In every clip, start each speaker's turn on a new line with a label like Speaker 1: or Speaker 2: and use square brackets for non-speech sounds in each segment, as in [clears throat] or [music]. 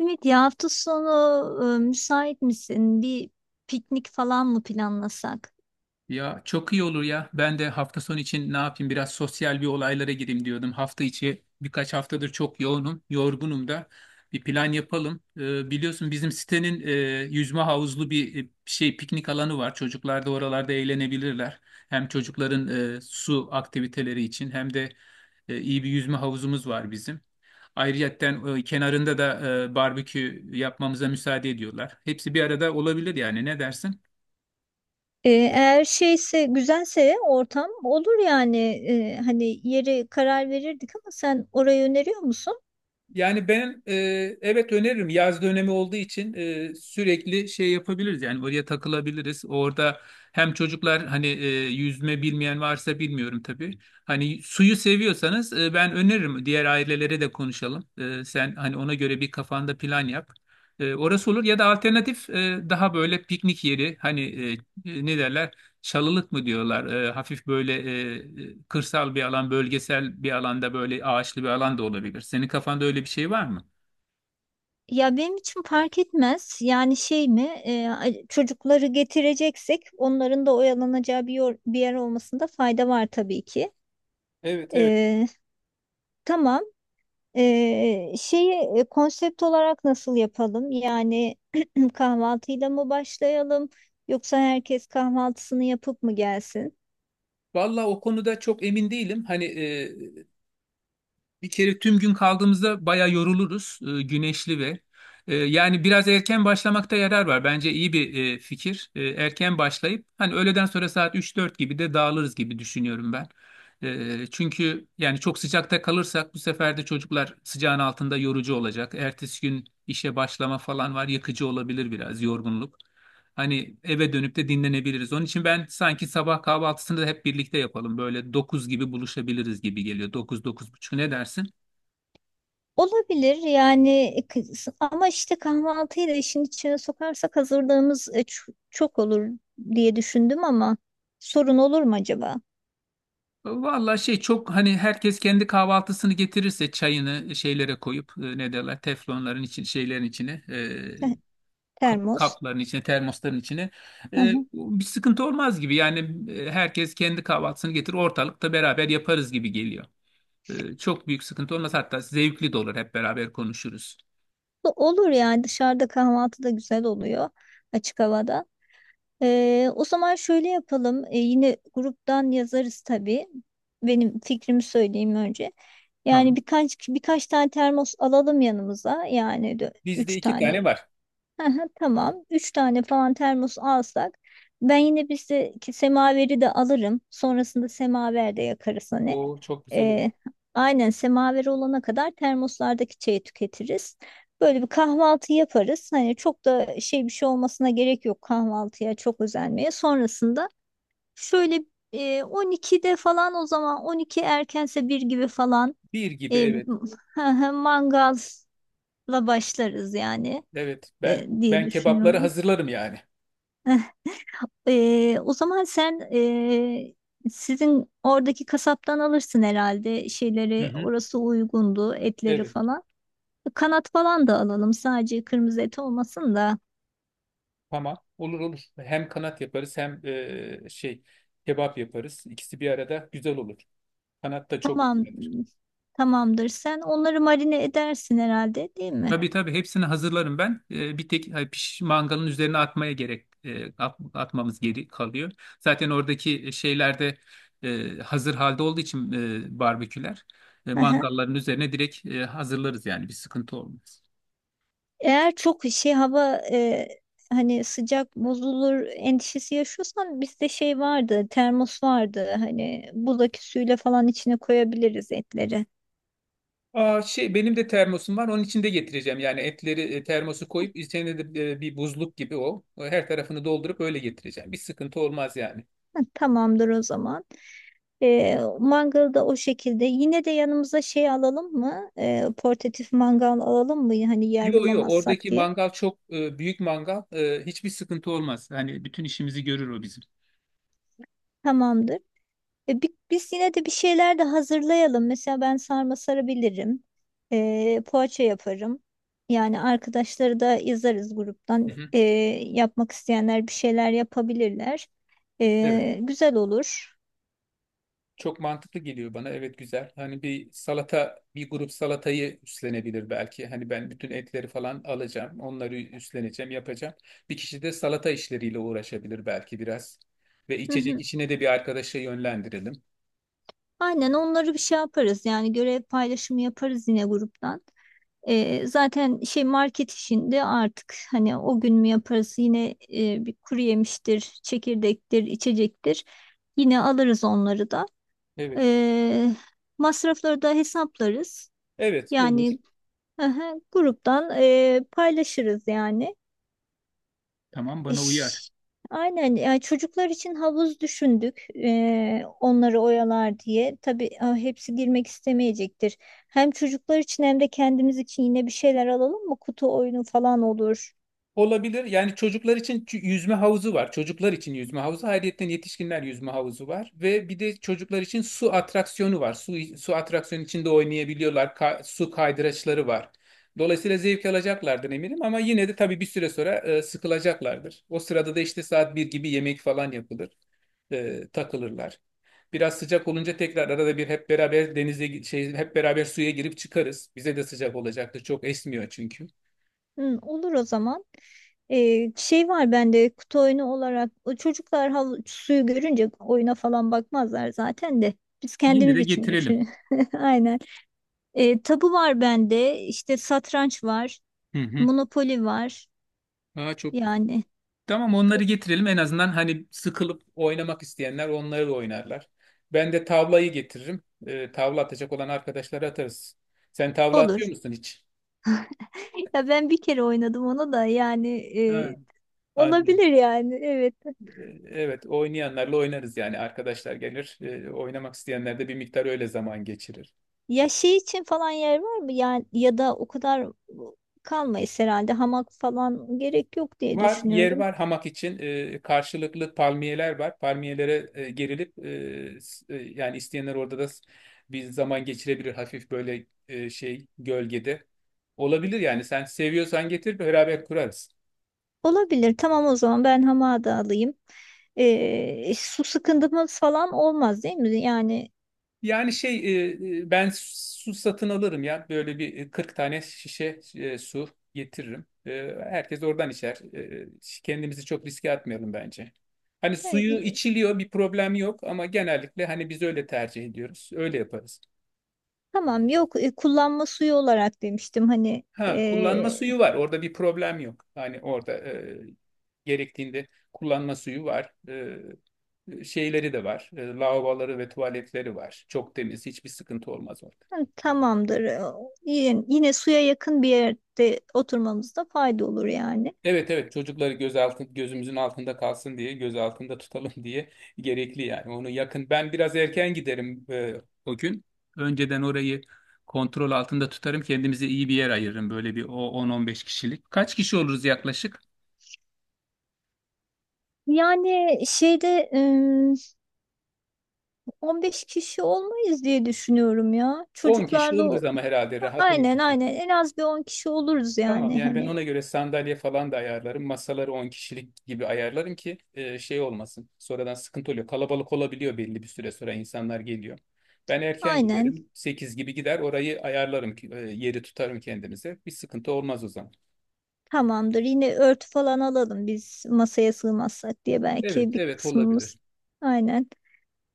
Speaker 1: Evet ya, hafta sonu müsait misin? Bir piknik falan mı planlasak?
Speaker 2: Ya çok iyi olur ya. Ben de hafta sonu için ne yapayım biraz sosyal bir olaylara gireyim diyordum. Hafta içi birkaç haftadır çok yoğunum, yorgunum da. Bir plan yapalım. Biliyorsun bizim sitenin yüzme havuzlu bir şey piknik alanı var. Çocuklar da oralarda eğlenebilirler. Hem çocukların su aktiviteleri için hem de iyi bir yüzme havuzumuz var bizim. Ayrıyetten kenarında da barbekü yapmamıza müsaade ediyorlar. Hepsi bir arada olabilir yani ne dersin?
Speaker 1: Eğer güzelse ortam olur yani. Hani yeri karar verirdik ama sen orayı öneriyor musun?
Speaker 2: Yani ben evet öneririm. Yaz dönemi olduğu için sürekli şey yapabiliriz. Yani oraya takılabiliriz. Orada hem çocuklar hani yüzme bilmeyen varsa bilmiyorum tabii. Hani suyu seviyorsanız ben öneririm. Diğer ailelere de konuşalım. Sen hani ona göre bir kafanda plan yap. Orası olur ya da alternatif daha böyle piknik yeri hani ne derler? Çalılık mı diyorlar? Hafif böyle e, kırsal bir alan, bölgesel bir alanda böyle ağaçlı bir alan da olabilir. Senin kafanda öyle bir şey var mı?
Speaker 1: Ya benim için fark etmez. Yani şey mi? Çocukları getireceksek onların da oyalanacağı bir yer olmasında fayda var tabii ki.
Speaker 2: Evet evet.
Speaker 1: Ee, tamam. Şeyi konsept olarak nasıl yapalım? Yani [clears throat] kahvaltıyla mı başlayalım yoksa herkes kahvaltısını yapıp mı gelsin?
Speaker 2: Valla o konuda çok emin değilim. Hani bir kere tüm gün kaldığımızda bayağı yoruluruz. Güneşli ve yani biraz erken başlamakta yarar var. Bence iyi bir fikir. Erken başlayıp hani öğleden sonra saat 3-4 gibi de dağılırız gibi düşünüyorum ben. Çünkü yani çok sıcakta kalırsak bu sefer de çocuklar sıcağın altında yorucu olacak. Ertesi gün işe başlama falan var, yakıcı olabilir biraz yorgunluk. Hani eve dönüp de dinlenebiliriz. Onun için ben sanki sabah kahvaltısını da hep birlikte yapalım. Böyle 9 gibi buluşabiliriz gibi geliyor. 9 9.30 ne dersin?
Speaker 1: Olabilir yani, ama işte kahvaltıyı da işin içine sokarsak hazırlığımız çok olur diye düşündüm, ama sorun olur mu acaba?
Speaker 2: Vallahi şey çok hani herkes kendi kahvaltısını getirirse çayını şeylere koyup ne derler teflonların için şeylerin içine
Speaker 1: Heh, termos.
Speaker 2: kapların içine, termosların içine.
Speaker 1: Hı
Speaker 2: Ee,
Speaker 1: hı.
Speaker 2: bir sıkıntı olmaz gibi. Yani herkes kendi kahvaltısını getirir, ortalıkta beraber yaparız gibi geliyor. Çok büyük sıkıntı olmaz. Hatta zevkli de olur. Hep beraber konuşuruz.
Speaker 1: Olur, yani dışarıda kahvaltı da güzel oluyor, açık havada. O zaman şöyle yapalım. Yine gruptan yazarız tabii. Benim fikrimi söyleyeyim önce. Yani
Speaker 2: Tamam.
Speaker 1: birkaç tane termos alalım yanımıza. Yani
Speaker 2: Bizde
Speaker 1: üç
Speaker 2: 2 tane
Speaker 1: tane.
Speaker 2: var.
Speaker 1: Aha, tamam. Üç tane falan termos alsak ben yine bizdeki semaveri de alırım. Sonrasında semaver de yakarız hani.
Speaker 2: O çok güzel olur.
Speaker 1: Ee, aynen, semaveri olana kadar termoslardaki çayı tüketiriz. Böyle bir kahvaltı yaparız. Hani çok da şey, bir şey olmasına gerek yok, kahvaltıya çok özenmeye. Sonrasında şöyle 12'de falan, o zaman 12 erkense bir gibi falan.
Speaker 2: 1 gibi,
Speaker 1: e, m-
Speaker 2: evet.
Speaker 1: [laughs] hı hı, mangalla başlarız yani,
Speaker 2: Evet. Ben
Speaker 1: diye
Speaker 2: ben kebapları
Speaker 1: düşünüyorum.
Speaker 2: hazırlarım yani.
Speaker 1: [laughs] O zaman sen, sizin oradaki kasaptan alırsın herhalde
Speaker 2: Hı
Speaker 1: şeyleri,
Speaker 2: hı.
Speaker 1: orası uygundu etleri
Speaker 2: Evet.
Speaker 1: falan. Kanat falan da alalım, sadece kırmızı et olmasın da.
Speaker 2: Tamam. Olur olur. Hem kanat yaparız hem şey kebap yaparız. İkisi bir arada güzel olur. Kanat da çok.
Speaker 1: Tamam, tamamdır, sen onları marine edersin herhalde, değil mi?
Speaker 2: Tabii tabii hepsini hazırlarım ben. Bir tek hani, piş, mangalın üzerine atmaya gerek atmamız geri kalıyor. Zaten oradaki şeylerde hazır halde olduğu için barbeküler
Speaker 1: Aha.
Speaker 2: mangalların üzerine direkt hazırlarız yani bir sıkıntı olmaz.
Speaker 1: Eğer çok şey hava hani sıcak bozulur endişesi yaşıyorsan, bizde şey vardı, termos vardı, hani buzdaki suyla falan içine koyabiliriz etleri.
Speaker 2: Aa, şey benim de termosum var onun içinde getireceğim yani etleri termosu koyup içine de bir buzluk gibi o. Her tarafını doldurup öyle getireceğim, bir sıkıntı olmaz yani.
Speaker 1: Tamamdır o zaman. E, mangalda o şekilde. Yine de yanımıza şey alalım mı? E, portatif mangal alalım mı? Hani yer
Speaker 2: Yo yo,
Speaker 1: bulamazsak
Speaker 2: oradaki
Speaker 1: diye.
Speaker 2: mangal çok büyük mangal. Hiçbir sıkıntı olmaz. Hani bütün işimizi görür o bizim.
Speaker 1: Tamamdır. E, biz yine de bir şeyler de hazırlayalım. Mesela ben sarma sarabilirim. E, poğaça yaparım. Yani arkadaşları da yazarız
Speaker 2: Hı
Speaker 1: gruptan.
Speaker 2: hı.
Speaker 1: E, yapmak isteyenler bir şeyler yapabilirler.
Speaker 2: Evet.
Speaker 1: E, güzel olur.
Speaker 2: Çok mantıklı geliyor bana. Evet, güzel. Hani bir salata, bir grup salatayı üstlenebilir belki. Hani ben bütün etleri falan alacağım. Onları üstleneceğim, yapacağım. Bir kişi de salata işleriyle uğraşabilir belki biraz. Ve
Speaker 1: Hı
Speaker 2: içecek
Speaker 1: hı.
Speaker 2: işine de bir arkadaşa yönlendirelim.
Speaker 1: Aynen, onları bir şey yaparız. Yani görev paylaşımı yaparız yine gruptan. Zaten şey, market işinde artık hani o gün mü yaparız, yine e, bir kuru yemiştir, çekirdektir, içecektir. Yine alırız onları da.
Speaker 2: Evet.
Speaker 1: Ee, Masrafları da hesaplarız.
Speaker 2: Evet olur.
Speaker 1: Yani aha, gruptan e, paylaşırız yani.
Speaker 2: Tamam, bana uyar.
Speaker 1: İş- Aynen, yani çocuklar için havuz düşündük, onları oyalar diye. Tabii ah, hepsi girmek istemeyecektir. Hem çocuklar için hem de kendimiz için yine bir şeyler alalım mı? Kutu oyunu falan olur.
Speaker 2: Olabilir. Yani çocuklar için yüzme havuzu var. Çocuklar için yüzme havuzu. Ayrıca yetişkinler yüzme havuzu var. Ve bir de çocuklar için su atraksiyonu var. Su atraksiyonu içinde oynayabiliyorlar. Su kaydıraçları var. Dolayısıyla zevk alacaklardır eminim, ama yine de tabii bir süre sonra sıkılacaklardır. O sırada da işte saat 1 gibi yemek falan yapılır. Takılırlar. Biraz sıcak olunca tekrar arada bir hep beraber denize şey, hep beraber suya girip çıkarız. Bize de sıcak olacaktır. Çok esmiyor çünkü.
Speaker 1: Hı, olur o zaman. Şey var bende kutu oyunu olarak, o çocuklar hav, suyu görünce oyuna falan bakmazlar zaten de. Biz
Speaker 2: Yine
Speaker 1: kendimiz
Speaker 2: de
Speaker 1: için
Speaker 2: getirelim.
Speaker 1: düşün. [laughs] Aynen. Tabu var bende, işte satranç var.
Speaker 2: Hı hı.
Speaker 1: Monopoli var
Speaker 2: Aa, çok güzel.
Speaker 1: yani.
Speaker 2: Tamam, onları getirelim en azından, hani sıkılıp oynamak isteyenler onları da oynarlar. Ben de tavlayı getiririm. Tavla atacak olan arkadaşlara atarız. Sen tavla atıyor
Speaker 1: Olur.
Speaker 2: musun hiç?
Speaker 1: Ya ben bir kere oynadım onu da, yani
Speaker 2: Ha,
Speaker 1: e,
Speaker 2: annem.
Speaker 1: olabilir yani, evet.
Speaker 2: Evet oynayanlarla oynarız yani, arkadaşlar gelir. Oynamak isteyenler de bir miktar öyle zaman geçirir.
Speaker 1: Ya şey için falan yer var mı? Yani ya da o kadar kalmayız herhalde, hamak falan gerek yok diye
Speaker 2: Var, yer
Speaker 1: düşünüyorum.
Speaker 2: var hamak için. Karşılıklı palmiyeler var. Palmiyelere gerilip yani isteyenler orada da bir zaman geçirebilir hafif böyle şey, gölgede. Olabilir yani, sen seviyorsan getir, beraber kurarız.
Speaker 1: Olabilir, tamam, o zaman ben hamağı da alayım. E, su sıkıntımız falan olmaz değil mi? Yani
Speaker 2: Yani şey, ben su satın alırım ya, böyle bir 40 tane şişe su getiririm. Herkes oradan içer. Kendimizi çok riske atmayalım bence. Hani suyu
Speaker 1: hani,
Speaker 2: içiliyor, bir problem yok, ama genellikle hani biz öyle tercih ediyoruz. Öyle yaparız.
Speaker 1: tamam, yok e, kullanma suyu olarak demiştim hani
Speaker 2: Ha, kullanma
Speaker 1: e,
Speaker 2: suyu var orada, bir problem yok. Hani orada gerektiğinde kullanma suyu var. Şeyleri de var. Lavaboları ve tuvaletleri var. Çok temiz, hiçbir sıkıntı olmaz orada.
Speaker 1: hani tamamdır. Yine, yine suya yakın bir yerde oturmamızda fayda olur yani.
Speaker 2: Evet evet, çocukları gözümüzün altında kalsın diye göz altında tutalım [laughs] diye gerekli yani. Onu yakın ben biraz erken giderim, o gün önceden orayı kontrol altında tutarım, kendimize iyi bir yer ayırırım, böyle bir o 10-15 kişilik. Kaç kişi oluruz yaklaşık?
Speaker 1: Yani şeyde 15 kişi olmayız diye düşünüyorum ya.
Speaker 2: 10 kişi
Speaker 1: Çocuklarla o-
Speaker 2: oluruz ama herhalde, rahat 10
Speaker 1: aynen
Speaker 2: kişi.
Speaker 1: aynen, en az bir 10 kişi oluruz
Speaker 2: Tamam
Speaker 1: yani
Speaker 2: yani, ben
Speaker 1: hani.
Speaker 2: ona göre sandalye falan da ayarlarım. Masaları 10 kişilik gibi ayarlarım ki şey olmasın. Sonradan sıkıntı oluyor. Kalabalık olabiliyor belli bir süre sonra, insanlar geliyor. Ben erken
Speaker 1: Aynen,
Speaker 2: giderim. 8 gibi gider orayı ayarlarım ki yeri tutarım kendimize. Bir sıkıntı olmaz o zaman.
Speaker 1: tamamdır. Yine örtü falan alalım, biz masaya sığmazsak diye
Speaker 2: Evet
Speaker 1: belki bir
Speaker 2: evet, olabilir.
Speaker 1: kısmımız. Aynen.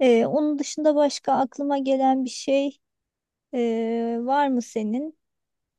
Speaker 1: Onun dışında başka aklıma gelen bir şey var mı senin?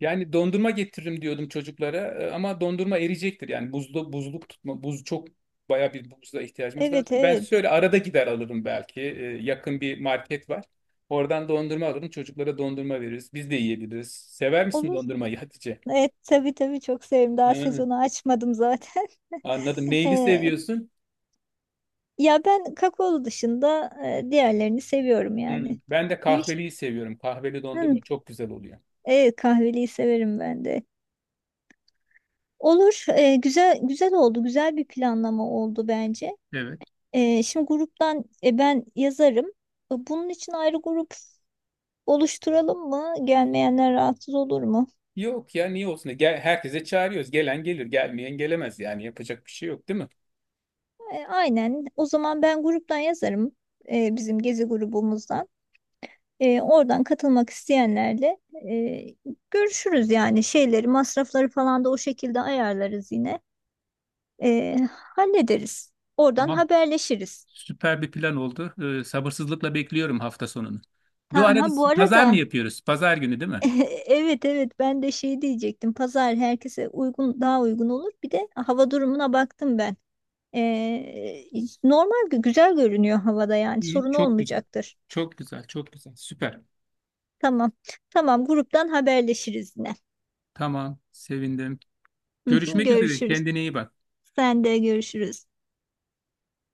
Speaker 2: Yani dondurma getiririm diyordum çocuklara, ama dondurma eriyecektir. Yani buzlu buzluk tutma, buz çok, bayağı bir buzluğa ihtiyacımız var.
Speaker 1: Evet
Speaker 2: Ben
Speaker 1: evet,
Speaker 2: şöyle arada gider alırım belki. Yakın bir market var. Oradan dondurma alırım. Çocuklara dondurma veririz. Biz de yiyebiliriz. Sever misin
Speaker 1: olur.
Speaker 2: dondurmayı, Hatice?
Speaker 1: Evet tabii tabii, çok sevdim. Daha
Speaker 2: Ha,
Speaker 1: sezonu açmadım zaten.
Speaker 2: anladım. Neyli
Speaker 1: [laughs]
Speaker 2: seviyorsun?
Speaker 1: Ya ben kakaolu dışında diğerlerini seviyorum
Speaker 2: Hı,
Speaker 1: yani.
Speaker 2: ben de kahveliyi seviyorum. Kahveli
Speaker 1: Vişnenin,
Speaker 2: dondurma çok güzel oluyor.
Speaker 1: evet, kahveliyi severim ben de. Olur, e, güzel güzel oldu, güzel bir planlama oldu bence.
Speaker 2: Evet.
Speaker 1: E, şimdi gruptan e, ben yazarım. E, bunun için ayrı grup oluşturalım mı? Gelmeyenler rahatsız olur mu?
Speaker 2: Yok ya, niye olsun? Gel, herkese çağırıyoruz. Gelen gelir, gelmeyen gelemez yani. Yapacak bir şey yok, değil
Speaker 1: E, aynen. O zaman ben gruptan yazarım, e, bizim gezi grubumuzdan. E, oradan katılmak isteyenlerle e, görüşürüz yani, şeyleri, masrafları falan da o şekilde ayarlarız yine. E, hallederiz. Oradan
Speaker 2: mi?
Speaker 1: haberleşiriz.
Speaker 2: Süper bir plan oldu. Sabırsızlıkla bekliyorum hafta sonunu.
Speaker 1: Ha,
Speaker 2: Bu arada
Speaker 1: ha, bu
Speaker 2: pazar mı
Speaker 1: arada
Speaker 2: yapıyoruz? Pazar günü değil mi?
Speaker 1: [laughs] evet evet, ben de şey diyecektim. Pazar herkese uygun, daha uygun olur. Bir de hava durumuna baktım ben. E, normal güzel görünüyor havada, yani
Speaker 2: İyi,
Speaker 1: sorun
Speaker 2: çok güzel.
Speaker 1: olmayacaktır.
Speaker 2: Çok güzel, çok güzel. Süper.
Speaker 1: Tamam. Tamam, gruptan haberleşiriz yine.
Speaker 2: Tamam, sevindim.
Speaker 1: [laughs]
Speaker 2: Görüşmek üzere.
Speaker 1: Görüşürüz.
Speaker 2: Kendine iyi bak.
Speaker 1: Sen de, görüşürüz.